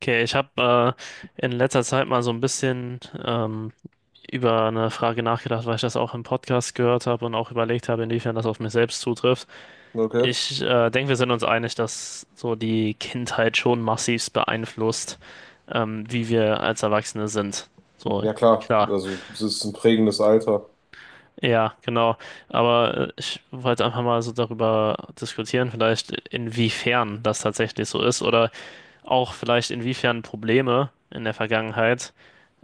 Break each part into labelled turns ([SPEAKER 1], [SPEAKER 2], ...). [SPEAKER 1] Okay, ich habe in letzter Zeit mal so ein bisschen über eine Frage nachgedacht, weil ich das auch im Podcast gehört habe und auch überlegt habe, inwiefern das auf mich selbst zutrifft.
[SPEAKER 2] Okay.
[SPEAKER 1] Ich denke, wir sind uns einig, dass so die Kindheit schon massivst beeinflusst, wie wir als Erwachsene sind. So,
[SPEAKER 2] Ja, klar.
[SPEAKER 1] klar.
[SPEAKER 2] Also, es ist ein prägendes Alter.
[SPEAKER 1] Ja, genau. Aber ich wollte einfach mal so darüber diskutieren, vielleicht inwiefern das tatsächlich so ist oder auch vielleicht inwiefern Probleme in der Vergangenheit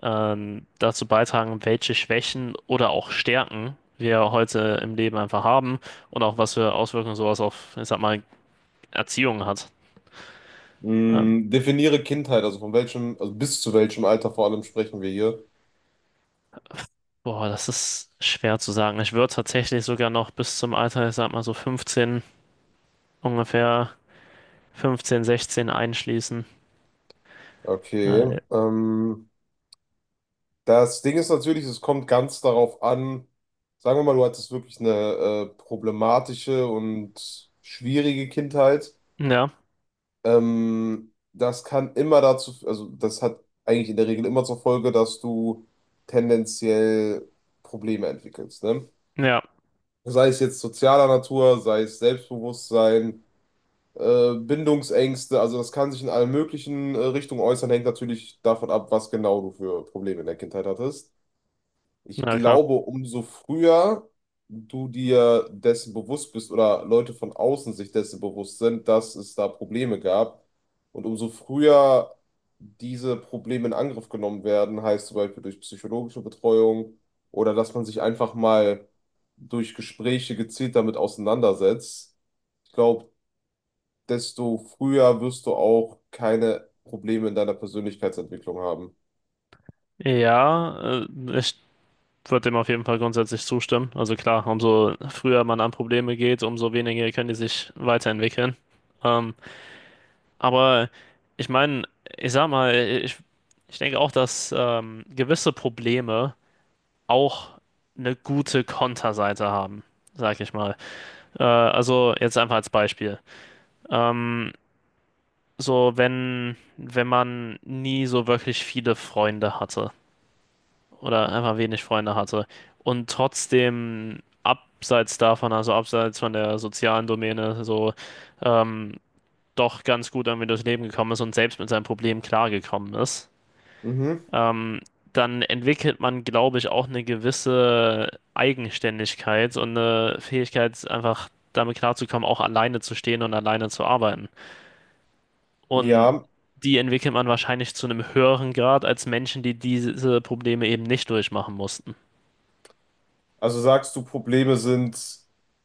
[SPEAKER 1] dazu beitragen, welche Schwächen oder auch Stärken wir heute im Leben einfach haben und auch was für Auswirkungen sowas auf, ich sag mal, Erziehung hat. Ähm,
[SPEAKER 2] Hm, definiere Kindheit, also von welchem, also bis zu welchem Alter vor allem sprechen wir hier.
[SPEAKER 1] boah, das ist schwer zu sagen. Ich würde tatsächlich sogar noch bis zum Alter, ich sag mal so 15, ungefähr 15, 16 einschließen.
[SPEAKER 2] Okay.
[SPEAKER 1] Äh,
[SPEAKER 2] Das Ding ist natürlich, es kommt ganz darauf an, sagen wir mal, du hattest wirklich eine problematische und schwierige Kindheit.
[SPEAKER 1] ja,
[SPEAKER 2] Das kann immer dazu, also das hat eigentlich in der Regel immer zur Folge, dass du tendenziell Probleme entwickelst, ne?
[SPEAKER 1] ja,
[SPEAKER 2] Sei es jetzt sozialer Natur, sei es Selbstbewusstsein, Bindungsängste, also das kann sich in allen möglichen Richtungen äußern, hängt natürlich davon ab, was genau du für Probleme in der Kindheit hattest. Ich
[SPEAKER 1] na klar.
[SPEAKER 2] glaube, umso früher du dir dessen bewusst bist oder Leute von außen sich dessen bewusst sind, dass es da Probleme gab und umso früher diese Probleme in Angriff genommen werden, heißt zum Beispiel durch psychologische Betreuung oder dass man sich einfach mal durch Gespräche gezielt damit auseinandersetzt. Ich glaube, desto früher wirst du auch keine Probleme in deiner Persönlichkeitsentwicklung haben.
[SPEAKER 1] Ja, ich würde dem auf jeden Fall grundsätzlich zustimmen. Also klar, umso früher man an Probleme geht, umso weniger können die sich weiterentwickeln. Ähm, aber ich meine, ich sag mal, ich denke auch, dass gewisse Probleme auch eine gute Konterseite haben, sag ich mal. Also jetzt einfach als Beispiel. Ähm, so, wenn man nie so wirklich viele Freunde hatte oder einfach wenig Freunde hatte. Und trotzdem abseits davon, also abseits von der sozialen Domäne, so ähm, doch ganz gut irgendwie durchs Leben gekommen ist und selbst mit seinem Problem klargekommen ist,
[SPEAKER 2] Mhm.
[SPEAKER 1] ähm, dann entwickelt man, glaube ich, auch eine gewisse Eigenständigkeit und eine Fähigkeit, einfach damit klarzukommen, auch alleine zu stehen und alleine zu arbeiten. Und
[SPEAKER 2] Ja,
[SPEAKER 1] die entwickelt man wahrscheinlich zu einem höheren Grad als Menschen, die diese Probleme eben nicht durchmachen mussten.
[SPEAKER 2] also sagst du, Probleme sind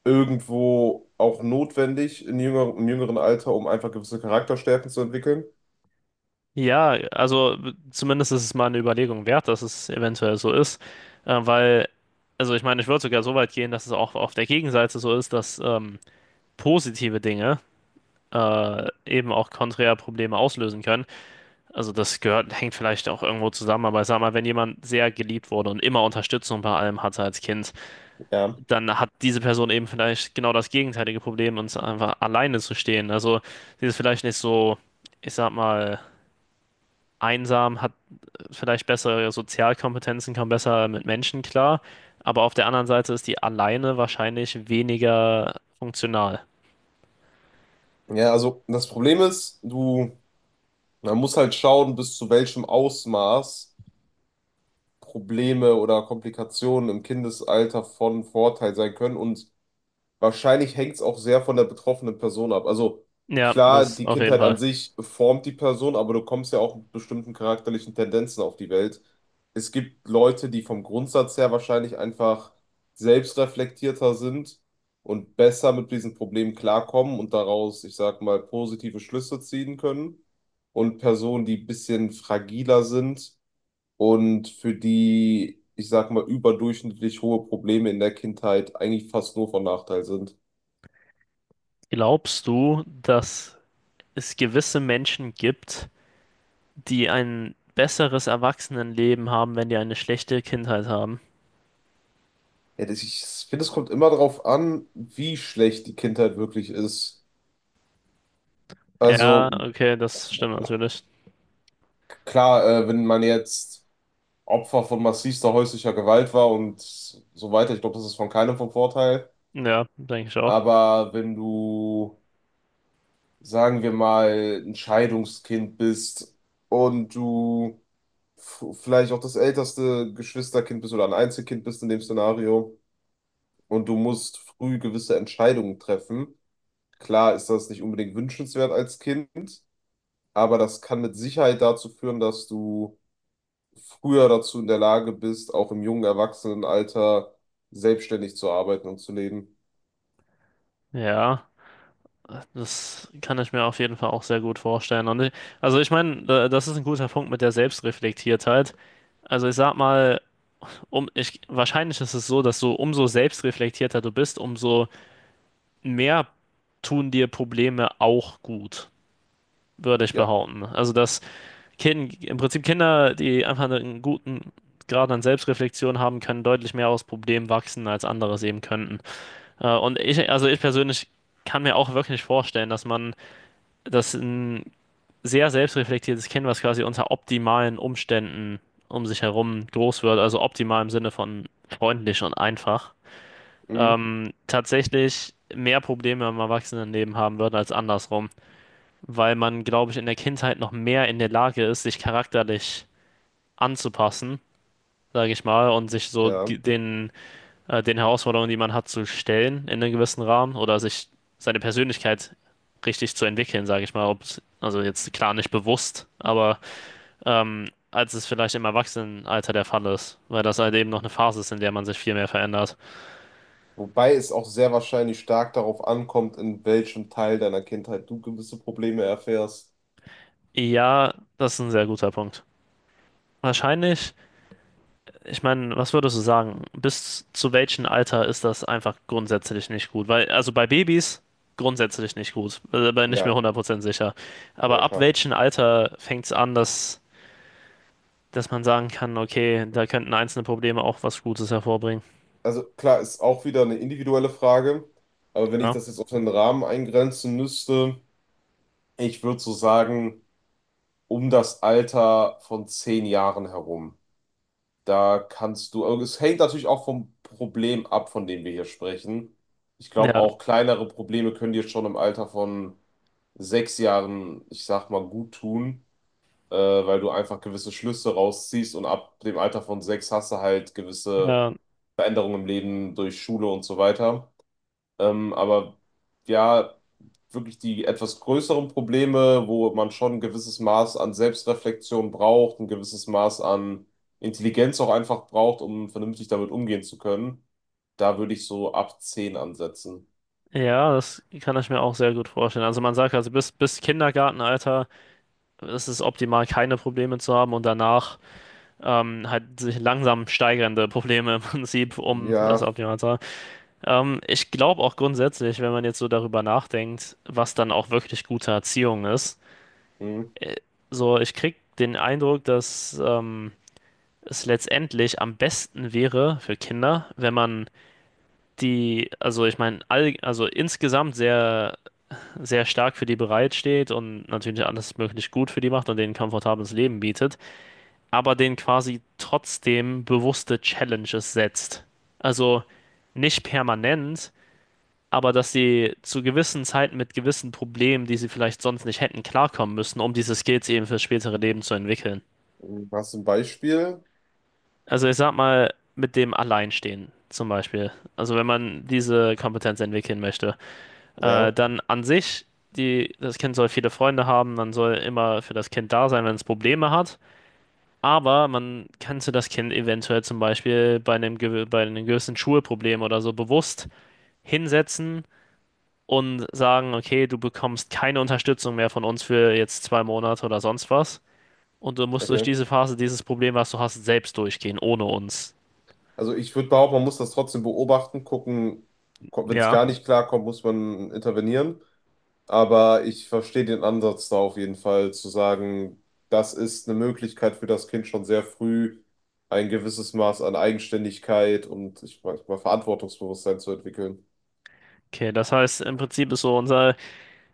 [SPEAKER 2] irgendwo auch notwendig in im jüngeren Alter, um einfach gewisse Charakterstärken zu entwickeln?
[SPEAKER 1] Ja, also zumindest ist es mal eine Überlegung wert, dass es eventuell so ist, weil, also ich meine, ich würde sogar so weit gehen, dass es auch auf der Gegenseite so ist, dass positive Dinge eben auch konträr Probleme auslösen können. Also das gehört, hängt vielleicht auch irgendwo zusammen, aber ich sag mal, wenn jemand sehr geliebt wurde und immer Unterstützung bei allem hatte als Kind,
[SPEAKER 2] Ja.
[SPEAKER 1] dann hat diese Person eben vielleicht genau das gegenteilige Problem, uns einfach alleine zu stehen. Also sie ist vielleicht nicht so, ich sag mal, einsam, hat vielleicht bessere Sozialkompetenzen, kommen besser mit Menschen klar, aber auf der anderen Seite ist die alleine wahrscheinlich weniger funktional.
[SPEAKER 2] Ja, also das Problem ist, du, man muss halt schauen, bis zu welchem Ausmaß Probleme oder Komplikationen im Kindesalter von Vorteil sein können und wahrscheinlich hängt es auch sehr von der betroffenen Person ab. Also
[SPEAKER 1] Ja,
[SPEAKER 2] klar,
[SPEAKER 1] das
[SPEAKER 2] die
[SPEAKER 1] auf jeden
[SPEAKER 2] Kindheit
[SPEAKER 1] Fall.
[SPEAKER 2] an sich formt die Person, aber du kommst ja auch mit bestimmten charakterlichen Tendenzen auf die Welt. Es gibt Leute, die vom Grundsatz her wahrscheinlich einfach selbstreflektierter sind und besser mit diesen Problemen klarkommen und daraus, ich sag mal, positive Schlüsse ziehen können. Und Personen, die ein bisschen fragiler sind und für die, ich sag mal, überdurchschnittlich hohe Probleme in der Kindheit eigentlich fast nur von Nachteil sind.
[SPEAKER 1] Glaubst du, dass es gewisse Menschen gibt, die ein besseres Erwachsenenleben haben, wenn die eine schlechte Kindheit haben?
[SPEAKER 2] Ja, ich finde, es kommt immer darauf an, wie schlecht die Kindheit wirklich ist.
[SPEAKER 1] Ja,
[SPEAKER 2] Also
[SPEAKER 1] okay, das stimmt natürlich.
[SPEAKER 2] klar, wenn man jetzt Opfer von massivster häuslicher Gewalt war und so weiter, ich glaube, das ist von keinem von Vorteil.
[SPEAKER 1] Ja, denke ich auch.
[SPEAKER 2] Aber wenn du, sagen wir mal, ein Scheidungskind bist und du vielleicht auch das älteste Geschwisterkind bist oder ein Einzelkind bist in dem Szenario und du musst früh gewisse Entscheidungen treffen. Klar ist das nicht unbedingt wünschenswert als Kind, aber das kann mit Sicherheit dazu führen, dass du früher dazu in der Lage bist, auch im jungen Erwachsenenalter selbstständig zu arbeiten und zu leben.
[SPEAKER 1] Ja, das kann ich mir auf jeden Fall auch sehr gut vorstellen. Und ich, also ich meine, das ist ein guter Punkt mit der Selbstreflektiertheit. Also ich sag mal, ich, wahrscheinlich ist es so, dass du umso selbstreflektierter du bist, umso mehr tun dir Probleme auch gut, würde ich
[SPEAKER 2] Ja,
[SPEAKER 1] behaupten. Also im Prinzip Kinder, die einfach einen guten Grad an Selbstreflexion haben, können deutlich mehr aus Problemen wachsen, als andere sehen könnten. Und ich, also ich persönlich kann mir auch wirklich vorstellen, dass ein sehr selbstreflektiertes Kind, was quasi unter optimalen Umständen um sich herum groß wird, also optimal im Sinne von freundlich und einfach,
[SPEAKER 2] mhm.
[SPEAKER 1] tatsächlich mehr Probleme im Erwachsenenleben haben wird als andersrum, weil man, glaube ich, in der Kindheit noch mehr in der Lage ist, sich charakterlich anzupassen, sage ich mal, und sich so
[SPEAKER 2] Ja.
[SPEAKER 1] den Herausforderungen, die man hat, zu stellen in einem gewissen Rahmen oder sich seine Persönlichkeit richtig zu entwickeln, sage ich mal, ob, also jetzt klar nicht bewusst, aber als es vielleicht im Erwachsenenalter der Fall ist, weil das halt eben noch eine Phase ist, in der man sich viel mehr verändert.
[SPEAKER 2] Wobei es auch sehr wahrscheinlich stark darauf ankommt, in welchem Teil deiner Kindheit du gewisse Probleme erfährst.
[SPEAKER 1] Ja, das ist ein sehr guter Punkt. Wahrscheinlich, ich meine, was würdest du sagen? Bis zu welchem Alter ist das einfach grundsätzlich nicht gut? Weil, also bei Babys grundsätzlich nicht gut, bin nicht mehr
[SPEAKER 2] Ja,
[SPEAKER 1] 100% sicher. Aber
[SPEAKER 2] ja,
[SPEAKER 1] ab
[SPEAKER 2] klar.
[SPEAKER 1] welchem Alter fängt es an, dass man sagen kann, okay, da könnten einzelne Probleme auch was Gutes hervorbringen?
[SPEAKER 2] Also klar, ist auch wieder eine individuelle Frage, aber wenn ich
[SPEAKER 1] Ja,
[SPEAKER 2] das jetzt auf den Rahmen eingrenzen müsste, ich würde so sagen, um das Alter von 10 Jahren herum. Da kannst du, also es hängt natürlich auch vom Problem ab, von dem wir hier sprechen. Ich glaube,
[SPEAKER 1] ja,
[SPEAKER 2] auch kleinere Probleme können dir schon im Alter von 6 Jahren, ich sag mal, gut tun, weil du einfach gewisse Schlüsse rausziehst und ab dem Alter von 6 hast du halt gewisse
[SPEAKER 1] ja,
[SPEAKER 2] Veränderungen im Leben durch Schule und so weiter. Aber ja, wirklich die etwas größeren Probleme, wo man schon ein gewisses Maß an Selbstreflexion braucht, ein gewisses Maß an Intelligenz auch einfach braucht, um vernünftig damit umgehen zu können, da würde ich so ab 10 ansetzen.
[SPEAKER 1] ja, das kann ich mir auch sehr gut vorstellen. Also man sagt also bis Kindergartenalter ist es optimal, keine Probleme zu haben und danach halt sich langsam steigernde Probleme im Prinzip um das
[SPEAKER 2] Ja.
[SPEAKER 1] optimal zu haben. Ich glaube auch grundsätzlich, wenn man jetzt so darüber nachdenkt, was dann auch wirklich gute Erziehung ist,
[SPEAKER 2] Hm.
[SPEAKER 1] äh, so ich krieg den Eindruck, dass es letztendlich am besten wäre für Kinder, wenn man die, also ich meine, all, also insgesamt sehr sehr stark für die bereitsteht und natürlich alles möglich gut für die macht und denen ein komfortables Leben bietet, aber denen quasi trotzdem bewusste Challenges setzt. Also nicht permanent, aber dass sie zu gewissen Zeiten mit gewissen Problemen, die sie vielleicht sonst nicht hätten, klarkommen müssen, um diese Skills eben fürs spätere Leben zu entwickeln.
[SPEAKER 2] Hast du ein Beispiel?
[SPEAKER 1] Also ich sag mal, mit dem Alleinstehen zum Beispiel. Also wenn man diese Kompetenz entwickeln möchte.
[SPEAKER 2] Ja,
[SPEAKER 1] Dann an sich, die, das Kind soll viele Freunde haben, man soll immer für das Kind da sein, wenn es Probleme hat. Aber man könnte das Kind eventuell zum Beispiel bei einem, bei einem gewissen Schulproblem oder so bewusst hinsetzen und sagen, okay, du bekommst keine Unterstützung mehr von uns für jetzt 2 Monate oder sonst was. Und du musst durch
[SPEAKER 2] okay.
[SPEAKER 1] diese Phase, dieses Problem, was du hast, selbst durchgehen, ohne uns.
[SPEAKER 2] Also ich würde behaupten, man muss das trotzdem beobachten, gucken, wenn es
[SPEAKER 1] Ja,
[SPEAKER 2] gar nicht klarkommt, muss man intervenieren. Aber ich verstehe den Ansatz da auf jeden Fall, zu sagen, das ist eine Möglichkeit für das Kind schon sehr früh, ein gewisses Maß an Eigenständigkeit und ich weiß mal Verantwortungsbewusstsein zu entwickeln.
[SPEAKER 1] okay, das heißt, im Prinzip ist so unser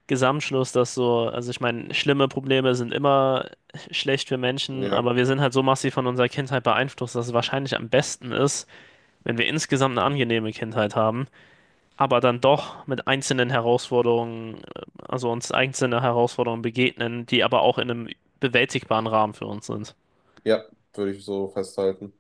[SPEAKER 1] Gesamtschluss, dass so, also ich meine, schlimme Probleme sind immer schlecht für Menschen,
[SPEAKER 2] Ja,
[SPEAKER 1] aber wir sind halt so massiv von unserer Kindheit beeinflusst, dass es wahrscheinlich am besten ist, wenn wir insgesamt eine angenehme Kindheit haben, aber dann doch mit einzelnen Herausforderungen, also uns einzelne Herausforderungen begegnen, die aber auch in einem bewältigbaren Rahmen für uns sind.
[SPEAKER 2] ja, würde ich so festhalten.